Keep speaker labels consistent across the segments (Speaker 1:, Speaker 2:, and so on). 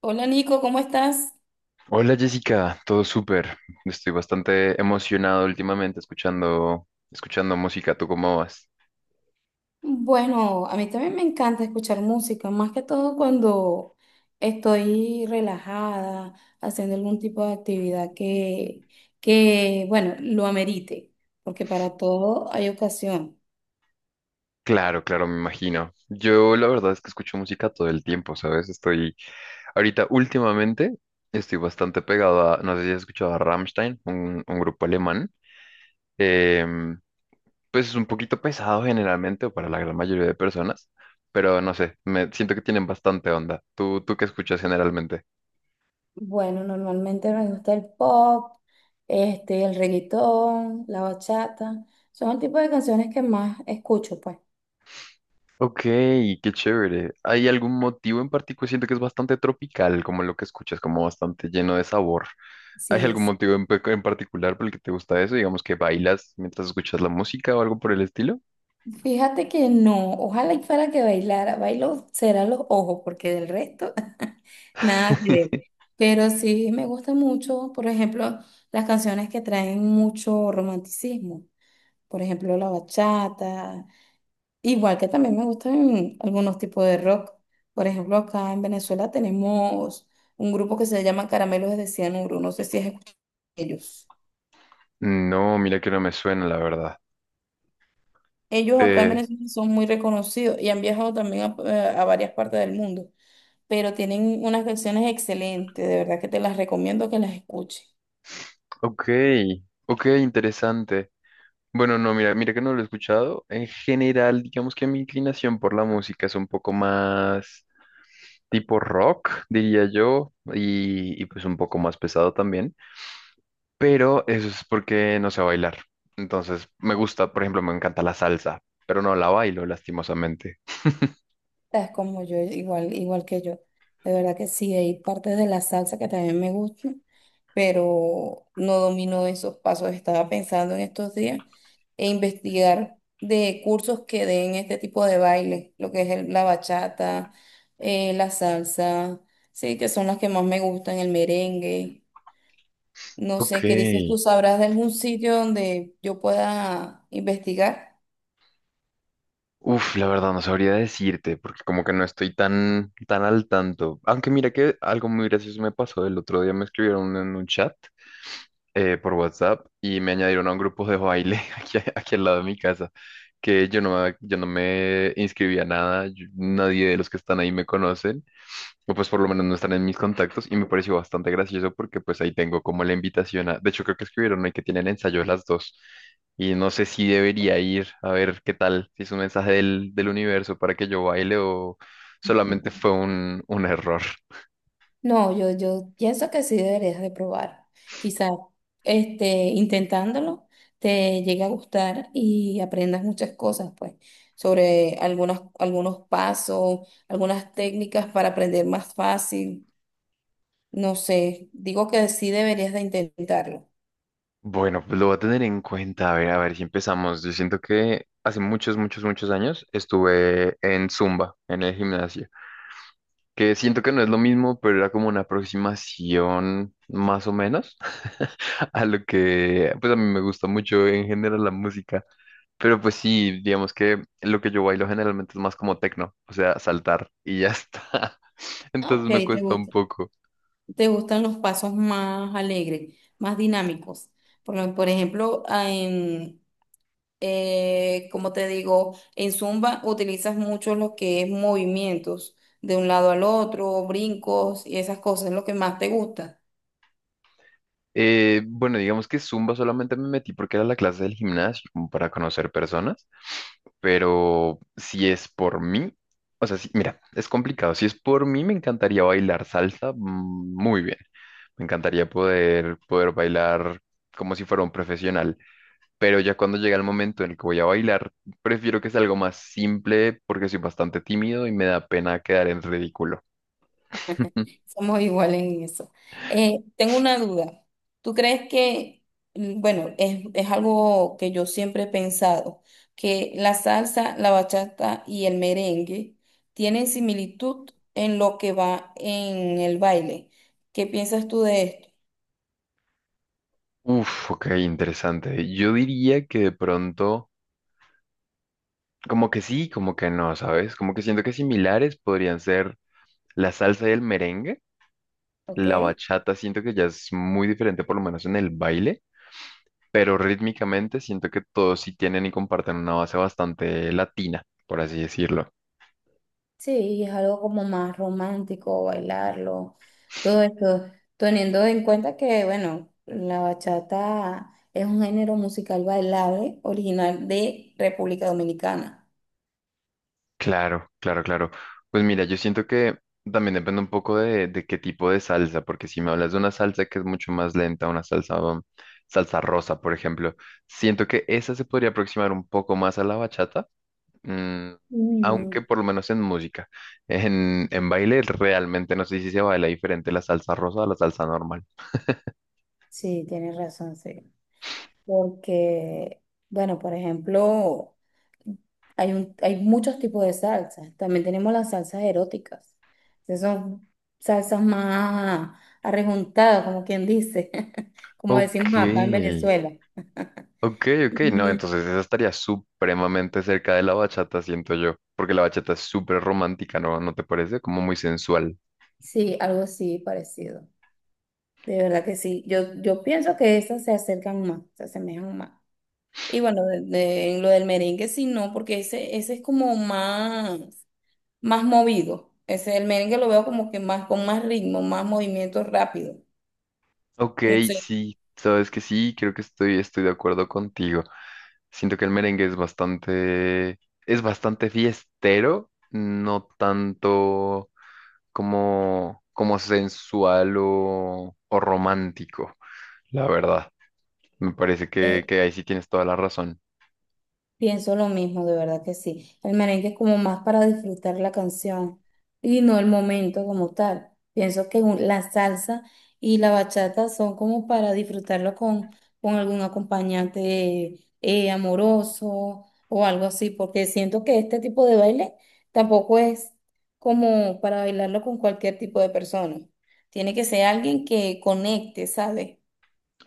Speaker 1: Hola Nico, ¿cómo estás?
Speaker 2: Hola Jessica, todo súper. Estoy bastante emocionado últimamente escuchando música. ¿Tú cómo vas?
Speaker 1: Bueno, a mí también me encanta escuchar música, más que todo cuando estoy relajada, haciendo algún tipo de actividad que, bueno, lo amerite, porque para todo hay ocasión.
Speaker 2: Claro, claro, me imagino. Yo la verdad es que escucho música todo el tiempo, ¿sabes? Estoy ahorita últimamente estoy bastante pegado a, no sé si has escuchado a Rammstein, un grupo alemán. Em, pues es un poquito pesado generalmente o para la gran mayoría de personas, pero no sé, me siento que tienen bastante onda. ¿Tú qué escuchas generalmente?
Speaker 1: Bueno, normalmente me gusta el pop, este, el reggaetón, la bachata, son el tipo de canciones que más escucho, pues.
Speaker 2: Ok, qué chévere. ¿Hay algún motivo en particular? Siento que es bastante tropical, como lo que escuchas, como bastante lleno de sabor. ¿Hay
Speaker 1: Sí.
Speaker 2: algún motivo en particular por el que te gusta eso? Digamos que bailas mientras escuchas la música o algo por el estilo.
Speaker 1: Fíjate que no, ojalá y fuera que bailara, bailo será los ojos, porque del resto nada que ver. Pero sí me gusta mucho, por ejemplo, las canciones que traen mucho romanticismo, por ejemplo, la bachata, igual que también me gustan algunos tipos de rock. Por ejemplo, acá en Venezuela tenemos un grupo que se llama Caramelos de Cianuro, no sé si has escuchado de ellos.
Speaker 2: No, mira que no me suena, la verdad.
Speaker 1: Ellos acá en
Speaker 2: Eh,
Speaker 1: Venezuela son muy reconocidos y han viajado también a varias partes del mundo, pero tienen unas canciones excelentes, de verdad que te las recomiendo que las escuches.
Speaker 2: ok, ok, interesante. Bueno, no, mira que no lo he escuchado. En general, digamos que mi inclinación por la música es un poco más tipo rock, diría yo, y pues un poco más pesado también, pero eso es porque no sé bailar. Entonces, me gusta, por ejemplo, me encanta la salsa, pero no la bailo, lastimosamente.
Speaker 1: Es como yo, igual, igual que yo. De verdad que sí, hay partes de la salsa que también me gustan, pero no domino esos pasos. Estaba pensando en estos días e investigar de cursos que den este tipo de baile, lo que es la bachata, la salsa, sí, que son las que más me gustan, el merengue. No
Speaker 2: Ok.
Speaker 1: sé, ¿qué dices tú? ¿Sabrás de algún sitio donde yo pueda investigar?
Speaker 2: Uf, la verdad no sabría decirte, porque como que no estoy tan al tanto. Aunque mira que algo muy gracioso me pasó. El otro día me escribieron en un chat por WhatsApp y me añadieron a un grupo de baile aquí al lado de mi casa, que yo no me inscribí a nada, nadie de los que están ahí me conocen, o pues por lo menos no están en mis contactos y me pareció bastante gracioso porque pues ahí tengo como la invitación a, de hecho creo que escribieron ahí que tienen ensayo a las dos y no sé si debería ir a ver qué tal, si es un mensaje del universo para que yo baile o solamente fue un error.
Speaker 1: No, yo pienso que sí deberías de probar. Quizás este, intentándolo te llegue a gustar y aprendas muchas cosas, pues, sobre algunas, algunos pasos, algunas técnicas para aprender más fácil. No sé, digo que sí deberías de intentarlo.
Speaker 2: Bueno, pues lo voy a tener en cuenta. A ver si empezamos. Yo siento que hace muchos, muchos, muchos años estuve en Zumba, en el gimnasio, que siento que no es lo mismo, pero era como una aproximación más o menos a lo que, pues a mí me gusta mucho en general la música. Pero pues sí, digamos que lo que yo bailo generalmente es más como techno, o sea, saltar y ya está.
Speaker 1: Ok,
Speaker 2: Entonces me cuesta un poco.
Speaker 1: te gustan los pasos más alegres, más dinámicos. Por, por ejemplo, ah, en como te digo, en Zumba utilizas mucho lo que es movimientos de un lado al otro, brincos y esas cosas, es lo que más te gusta.
Speaker 2: Bueno, digamos que Zumba solamente me metí porque era la clase del gimnasio, como para conocer personas, pero si es por mí, o sea, sí, mira, es complicado. Si es por mí, me encantaría bailar salsa mm, muy bien. Me encantaría poder bailar como si fuera un profesional, pero ya cuando llega el momento en el que voy a bailar, prefiero que sea algo más simple porque soy bastante tímido y me da pena quedar en ridículo.
Speaker 1: Somos iguales en eso. Tengo una duda. ¿Tú crees que, bueno, es algo que yo siempre he pensado, que la salsa, la bachata y el merengue tienen similitud en lo que va en el baile? ¿Qué piensas tú de esto?
Speaker 2: Uf, ok, interesante. Yo diría que de pronto... Como que sí, como que no, ¿sabes? Como que siento que similares podrían ser la salsa y el merengue.
Speaker 1: Ok.
Speaker 2: La bachata siento que ya es muy diferente, por lo menos en el baile, pero rítmicamente siento que todos sí tienen y comparten una base bastante latina, por así decirlo.
Speaker 1: Sí, es algo como más romántico, bailarlo, todo esto, teniendo en cuenta que, bueno, la bachata es un género musical bailable original de República Dominicana.
Speaker 2: Claro, claro, claro. Pues mira, yo siento que también depende un poco de qué tipo de salsa, porque si me hablas de una salsa que es mucho más lenta, una salsa, salsa rosa, por ejemplo, siento que esa se podría aproximar un poco más a la bachata. Mm,
Speaker 1: Mm,
Speaker 2: aunque por lo menos en música. En baile realmente no sé si se baila diferente la salsa rosa a la salsa normal.
Speaker 1: sí, tienes razón, sí. Porque, bueno, por ejemplo, hay muchos tipos de salsas. También tenemos las salsas eróticas. Esas son salsas más arrejuntadas, como quien dice, como
Speaker 2: Ok,
Speaker 1: decimos acá en Venezuela.
Speaker 2: ok, ok. No,
Speaker 1: Y
Speaker 2: entonces esa estaría supremamente cerca de la bachata, siento yo, porque la bachata es súper romántica, ¿no? ¿No te parece? Como muy sensual.
Speaker 1: sí, algo así parecido. De verdad que sí. Yo pienso que esas se acercan más, se asemejan más. Y bueno, en lo del merengue sí, no, porque ese es como más movido. Ese, el merengue lo veo como que más, con más ritmo, más movimiento rápido.
Speaker 2: Ok,
Speaker 1: No sé,
Speaker 2: sí, sabes que sí, creo que estoy de acuerdo contigo. Siento que el merengue es bastante fiestero, no tanto como, como sensual o romántico, la verdad. Me parece que,
Speaker 1: es,
Speaker 2: que ahí sí tienes toda la razón.
Speaker 1: pienso lo mismo, de verdad que sí. El merengue es como más para disfrutar la canción y no el momento como tal. Pienso que la salsa y la bachata son como para disfrutarlo con algún acompañante amoroso o algo así, porque siento que este tipo de baile tampoco es como para bailarlo con cualquier tipo de persona. Tiene que ser alguien que conecte, ¿sabes?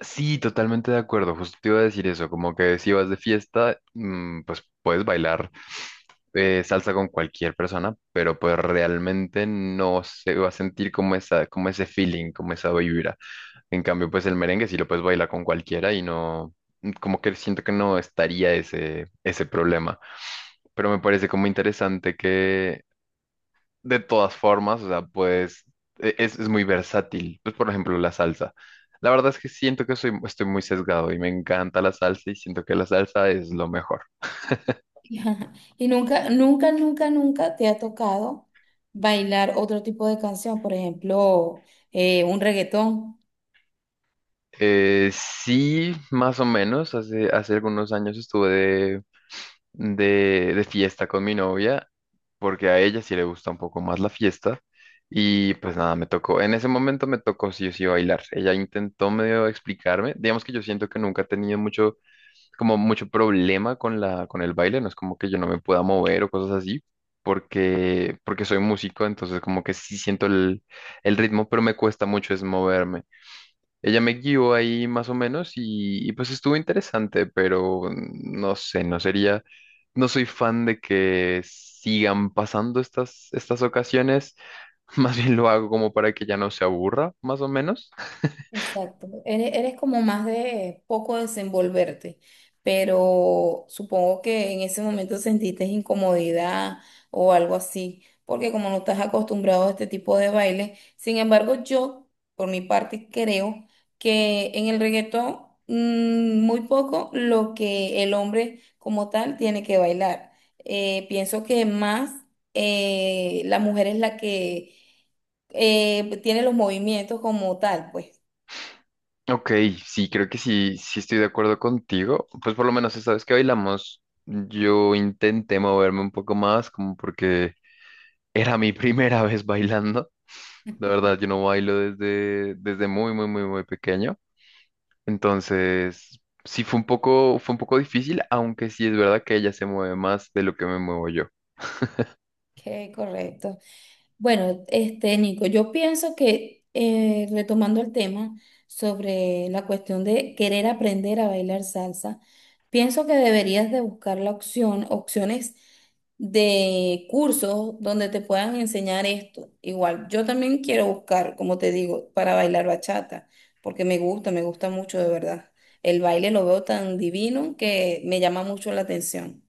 Speaker 2: Sí, totalmente de acuerdo. Justo te iba a decir eso, como que si vas de fiesta, mm, pues puedes bailar salsa con cualquier persona, pero pues realmente no se va a sentir como esa, como ese feeling, como esa vibra. En cambio, pues el merengue sí lo puedes bailar con cualquiera y no, como que siento que no estaría ese problema. Pero me parece como interesante de todas formas, o sea, pues es muy versátil. Pues, por ejemplo, la salsa. La verdad es que siento que estoy muy sesgado y me encanta la salsa y siento que la salsa es lo mejor.
Speaker 1: Ajá. Y nunca, nunca, nunca, nunca te ha tocado bailar otro tipo de canción, por ejemplo, un reggaetón.
Speaker 2: Sí, más o menos. Hace, hace algunos años estuve de fiesta con mi novia porque a ella sí le gusta un poco más la fiesta. Y pues nada, me tocó, en ese momento me tocó sí o sí bailar. Ella intentó medio explicarme. Digamos que yo siento que nunca he tenido mucho problema con con el baile, no es como que yo no me pueda mover o cosas así, porque soy músico, entonces como que sí siento el ritmo, pero me cuesta mucho es moverme. Ella me guió ahí más o menos y pues estuvo interesante, pero no sé, no soy fan de que sigan pasando estas, estas ocasiones, más bien lo hago como para que ya no se aburra, más o menos.
Speaker 1: Exacto, eres como más de poco desenvolverte, pero supongo que en ese momento sentiste incomodidad o algo así, porque como no estás acostumbrado a este tipo de baile. Sin embargo yo, por mi parte, creo que en el reggaetón mm, muy poco lo que el hombre como tal tiene que bailar. Pienso que más la mujer es la que tiene los movimientos como tal, pues.
Speaker 2: Ok, sí, creo que sí, sí estoy de acuerdo contigo. Pues por lo menos esta vez que bailamos, yo intenté moverme un poco más, como porque era mi primera vez bailando. La verdad, yo no bailo desde, desde muy, muy, muy, muy pequeño. Entonces, sí fue un poco difícil, aunque sí es verdad que ella se mueve más de lo que me muevo yo.
Speaker 1: Qué correcto. Bueno, este, Nico, yo pienso que retomando el tema sobre la cuestión de querer aprender a bailar salsa, pienso que deberías de buscar opciones de cursos donde te puedan enseñar esto. Igual, yo también quiero buscar, como te digo, para bailar bachata, porque me gusta mucho de verdad. El baile lo veo tan divino que me llama mucho la atención.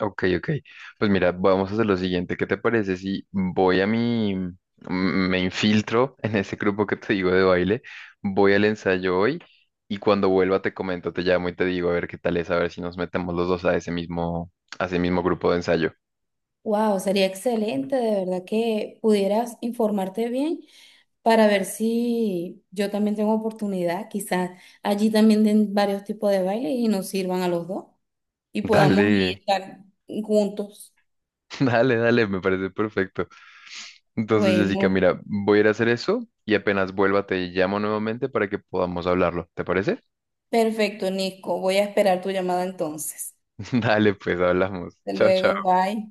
Speaker 2: Ok, ok. Pues mira, vamos a hacer lo siguiente. ¿Qué te parece si voy me infiltro en ese grupo que te digo de baile, voy al ensayo hoy y cuando vuelva te comento, te llamo y te digo a ver qué tal es, a ver si nos metemos los dos a ese mismo grupo de ensayo.
Speaker 1: Wow, sería excelente, de verdad que pudieras informarte bien para ver si yo también tengo oportunidad, quizás allí también den varios tipos de baile y nos sirvan a los dos y podamos ahí
Speaker 2: Dale,
Speaker 1: estar juntos.
Speaker 2: dale, dale, me parece perfecto. Entonces, Jessica,
Speaker 1: Bueno,
Speaker 2: mira, voy a ir a hacer eso y apenas vuelva te llamo nuevamente para que podamos hablarlo. ¿Te parece?
Speaker 1: perfecto, Nico, voy a esperar tu llamada entonces.
Speaker 2: Dale, pues hablamos.
Speaker 1: Hasta
Speaker 2: Chao,
Speaker 1: luego,
Speaker 2: chao.
Speaker 1: bye.